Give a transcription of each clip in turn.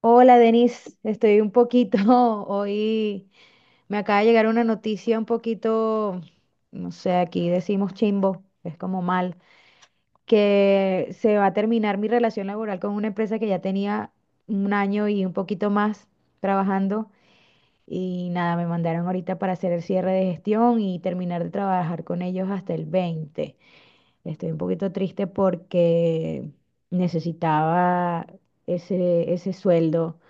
Hola, Denise. Estoy un poquito hoy. Me acaba de llegar una noticia un poquito, no sé, aquí decimos chimbo, es como mal, que se va a terminar mi relación laboral con una empresa que ya tenía un año y un poquito más trabajando. Y nada, me mandaron ahorita para hacer el cierre de gestión y terminar de trabajar con ellos hasta el 20. Estoy un poquito triste porque necesitaba ese sueldo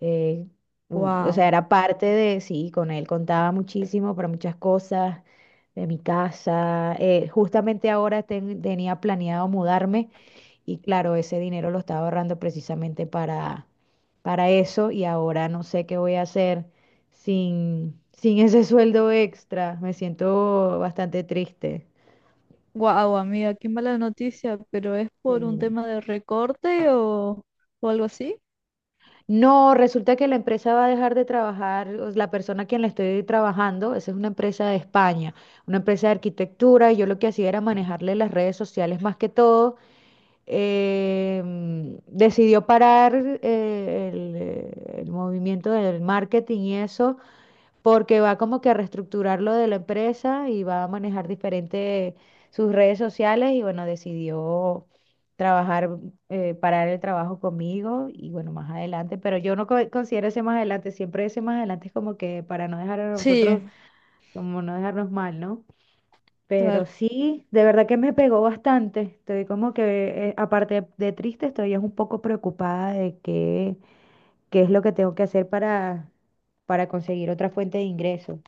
eh, o sea, Wow, era parte de, sí, con él contaba muchísimo para muchas cosas de mi casa. Justamente ahora tenía planeado mudarme y claro, ese dinero lo estaba ahorrando precisamente para eso y ahora no sé qué voy a hacer sin ese sueldo extra. Me siento bastante triste. wow, amiga, qué mala noticia, pero ¿es por un Sí. tema de recorte o algo así? No, resulta que la empresa va a dejar de trabajar, o la persona a quien le estoy trabajando, esa es una empresa de España, una empresa de arquitectura, y yo lo que hacía era manejarle las redes sociales más que todo. Decidió parar el movimiento del marketing y eso, porque va como que a reestructurar lo de la empresa y va a manejar diferente sus redes sociales y bueno, decidió trabajar, parar el trabajo conmigo y bueno, más adelante, pero yo no considero ese más adelante, siempre ese más adelante es como que para no dejar a nosotros, Sí, como no dejarnos mal, ¿no? Pero claro, sí, de verdad que me pegó bastante. Estoy como que, aparte de triste, estoy es un poco preocupada de qué es lo que tengo que hacer para conseguir otra fuente de ingresos.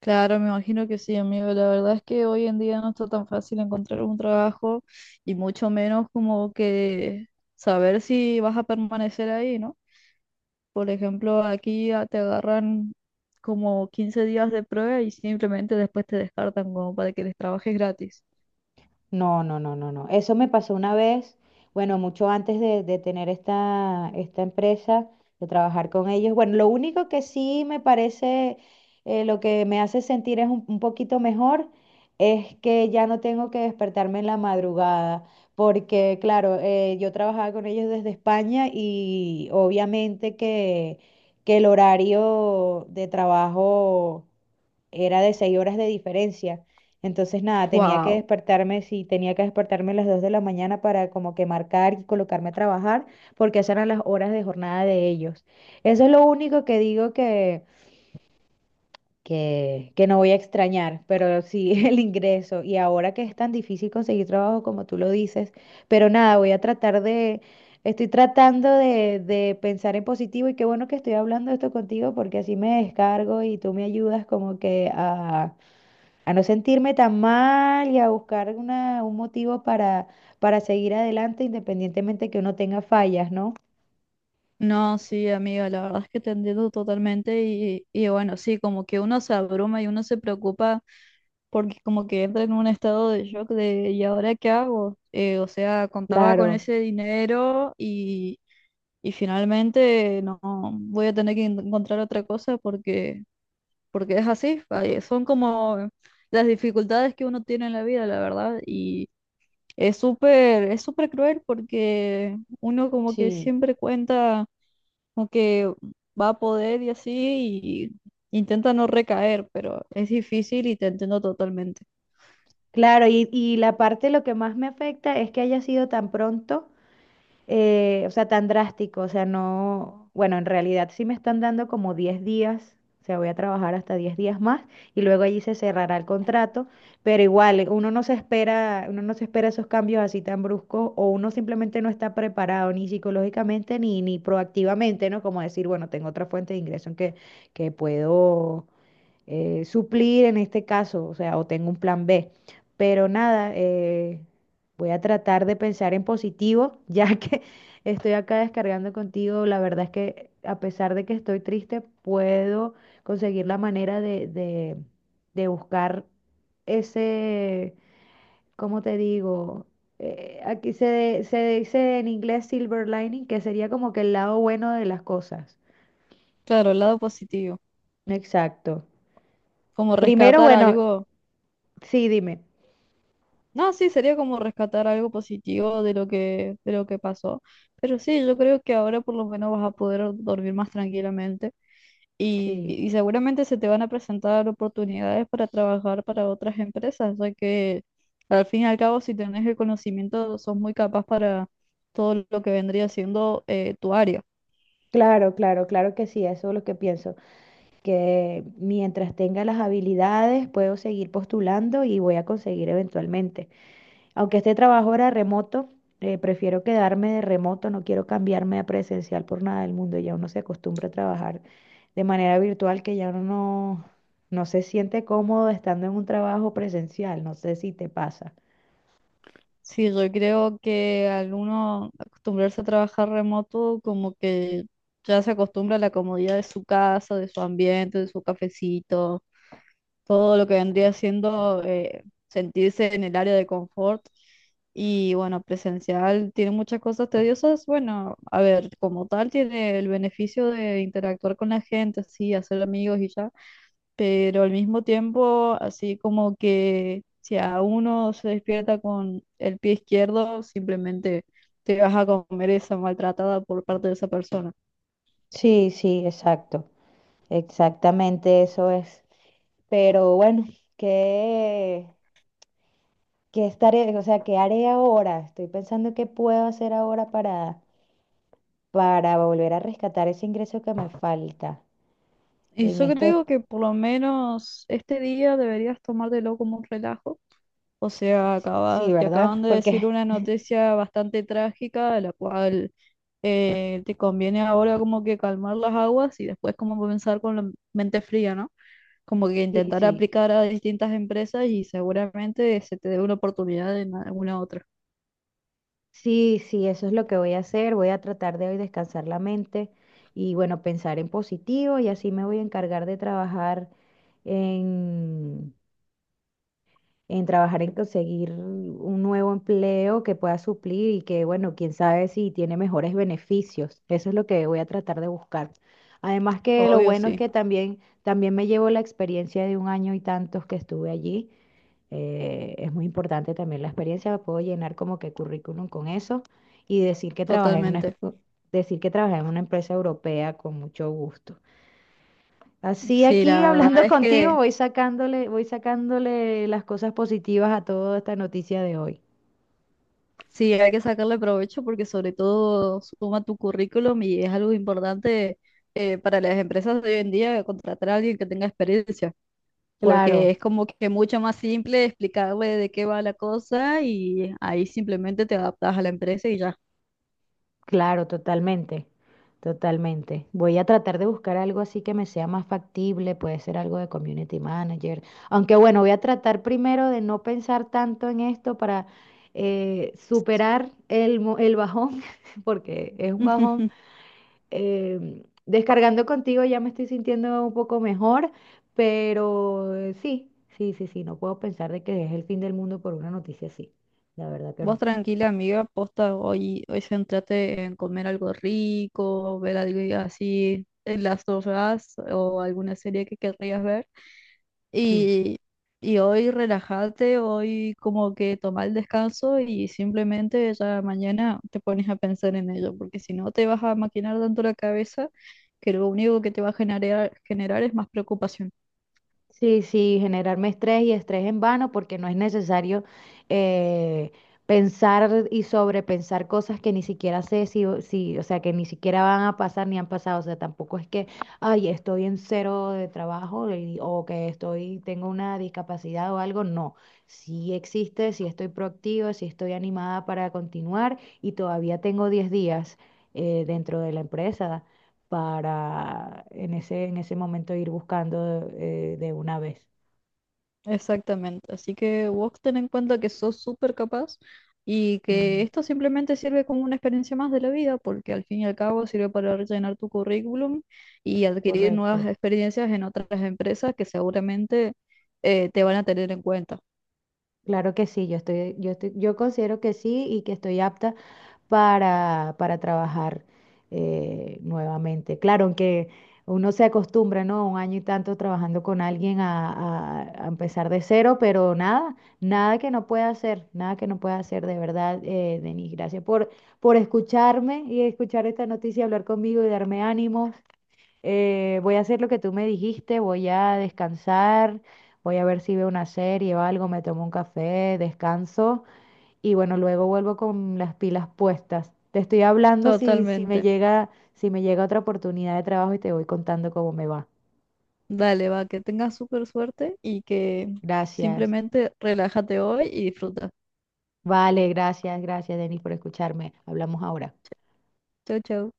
claro, me imagino que sí, amigo. La verdad es que hoy en día no está tan fácil encontrar un trabajo y mucho menos como que saber si vas a permanecer ahí, ¿no? Por ejemplo, aquí te agarran como 15 días de prueba y simplemente después te descartan como para que les trabajes gratis. No, no, no, no, no. Eso me pasó una vez, bueno, mucho antes de tener esta empresa, de trabajar con ellos. Bueno, lo único que sí me parece, lo que me hace sentir es un poquito mejor, es que ya no tengo que despertarme en la madrugada, porque claro, yo trabajaba con ellos desde España y obviamente que el horario de trabajo era de seis horas de diferencia. Entonces, nada, tenía que Wow. despertarme, sí, tenía que despertarme a las 2 de la mañana para como que marcar y colocarme a trabajar, porque esas eran las horas de jornada de ellos. Eso es lo único que digo que no voy a extrañar, pero sí el ingreso. Y ahora que es tan difícil conseguir trabajo como tú lo dices, pero nada, voy a tratar de, estoy tratando de pensar en positivo y qué bueno que estoy hablando esto contigo porque así me descargo y tú me ayudas como que a no sentirme tan mal y a buscar un motivo para seguir adelante independientemente que uno tenga fallas, ¿no? No, sí, amiga, la verdad es que te entiendo totalmente y bueno, sí, como que uno se abruma y uno se preocupa porque como que entra en un estado de shock de ¿y ahora qué hago? O sea, contaba con Claro, ese dinero y finalmente no voy a tener que encontrar otra cosa porque es así, ay, son como las dificultades que uno tiene en la vida, la verdad, y es súper cruel porque uno como que sí. siempre cuenta como que va a poder y así, y intenta no recaer, pero es difícil y te entiendo totalmente. Claro, y la parte lo que más me afecta es que haya sido tan pronto o sea, tan drástico, o sea, no, bueno, en realidad sí me están dando como 10 días, o sea, voy a trabajar hasta 10 días más y luego allí se cerrará el contrato, pero igual, uno no se espera esos cambios así tan bruscos o uno simplemente no está preparado ni psicológicamente ni proactivamente, ¿no? Como decir, bueno, tengo otra fuente de ingreso en que puedo suplir en este caso, o sea, o tengo un plan B. Pero nada, voy a tratar de pensar en positivo, ya que estoy acá descargando contigo. La verdad es que a pesar de que estoy triste, puedo conseguir la manera de buscar ese, ¿cómo te digo? Aquí se dice en inglés silver lining, que sería como que el lado bueno de las cosas. Claro, el lado positivo, Exacto. como Primero, rescatar bueno, algo, sí, dime. no, sí, sería como rescatar algo positivo de lo que pasó, pero sí, yo creo que ahora por lo menos vas a poder dormir más tranquilamente. Y, Sí. y seguramente se te van a presentar oportunidades para trabajar para otras empresas, ya que al fin y al cabo, si tenés el conocimiento, sos muy capaz para todo lo que vendría siendo tu área. Claro, claro, claro que sí, eso es lo que pienso, que mientras tenga las habilidades puedo seguir postulando y voy a conseguir eventualmente. Aunque este trabajo era remoto, prefiero quedarme de remoto, no quiero cambiarme a presencial por nada del mundo, ya uno se acostumbra a trabajar de manera virtual que ya uno no se siente cómodo estando en un trabajo presencial, no sé si te pasa. Sí, yo creo que al uno acostumbrarse a trabajar remoto, como que ya se acostumbra a la comodidad de su casa, de su ambiente, de su cafecito, todo lo que vendría siendo sentirse en el área de confort. Y bueno, presencial tiene muchas cosas tediosas. Bueno, a ver, como tal tiene el beneficio de interactuar con la gente, sí, hacer amigos y ya, pero al mismo tiempo, así como que si a uno se despierta con el pie izquierdo, simplemente te vas a comer esa maltratada por parte de esa persona. Sí, sí, exacto. Exactamente eso es. Pero bueno, qué ¿Qué estaré, o sea, qué haré ahora? Estoy pensando qué puedo hacer ahora para volver a rescatar ese ingreso que me falta. Y En yo esto, creo que por lo menos este día deberías tomártelo como un relajo. O sea, sí, te acaban ¿verdad? de decir Porque una noticia bastante trágica, de la cual te conviene ahora como que calmar las aguas y después como comenzar con la mente fría, ¿no? Como que sí, intentar sí, aplicar a distintas empresas y seguramente se te dé una oportunidad en alguna otra. sí, sí, eso es lo que voy a hacer. Voy a tratar de hoy descansar la mente y, bueno, pensar en positivo y así me voy a encargar de trabajar en trabajar en conseguir un nuevo empleo que pueda suplir y que, bueno, quién sabe si tiene mejores beneficios. Eso es lo que voy a tratar de buscar. Además que lo Obvio, bueno es sí, que también me llevo la experiencia de un año y tantos que estuve allí. Es muy importante también la experiencia, puedo llenar como que currículum con eso y totalmente. decir que trabajé en una empresa europea con mucho gusto. Así Sí, aquí la verdad hablando es contigo que voy sacándole las cosas positivas a toda esta noticia de hoy. sí, hay que sacarle provecho porque sobre todo suma tu currículum y es algo importante para las empresas de hoy en día contratar a alguien que tenga experiencia. Porque Claro, es como que mucho más simple explicarle de qué va la cosa y ahí simplemente te adaptas a la empresa y ya. claro, totalmente, totalmente. Voy a tratar de buscar algo así que me sea más factible, puede ser algo de community manager. Aunque bueno, voy a tratar primero de no pensar tanto en esto para superar el bajón, porque es un bajón. Descargando contigo ya me estoy sintiendo un poco mejor, pero sí, sí, sí, sí, no puedo pensar de que es el fin del mundo por una noticia así. La verdad que Vos no. tranquila, amiga, posta, hoy, hoy centrate en comer algo rico, ver algo así en las horas o alguna serie que querrías ver. Sí. Y, y hoy relájate, hoy como que toma el descanso y simplemente ya mañana te pones a pensar en ello, porque si no te vas a maquinar tanto la cabeza que lo único que te va a generar, generar es más preocupación. Sí, sí, generarme estrés y estrés en vano porque no es necesario eh, pensar y sobrepensar cosas que ni siquiera sé si, o sea, que ni siquiera van a pasar ni han pasado. O sea, tampoco es que, ay, estoy en cero de trabajo tengo una discapacidad o algo. No, sí existe, sí estoy proactiva, sí estoy animada para continuar y todavía tengo 10 días dentro de la empresa para en ese momento ir buscando de una vez. Exactamente, así que vos ten en cuenta que sos súper capaz y que Mm, esto simplemente sirve como una experiencia más de la vida, porque al fin y al cabo sirve para rellenar tu currículum y adquirir nuevas correcto. experiencias en otras empresas que seguramente te van a tener en cuenta. Claro que sí, yo considero que sí y que estoy apta para trabajar nuevamente. Claro, aunque uno se acostumbra, ¿no? Un año y tanto trabajando con alguien a empezar de cero, pero nada, nada que no pueda hacer, nada que no pueda hacer, de verdad, Denis. Gracias por escucharme y escuchar esta noticia, hablar conmigo y darme ánimos. Voy a hacer lo que tú me dijiste, voy a descansar, voy a ver si veo una serie o algo, me tomo un café, descanso y bueno, luego vuelvo con las pilas puestas. Te estoy hablando Totalmente. Si me llega otra oportunidad de trabajo y te voy contando cómo me va. Dale, va, que tengas súper suerte y que Gracias. simplemente relájate hoy y disfruta. Vale, gracias, gracias, Denis, por escucharme. Hablamos ahora. Chau, chau.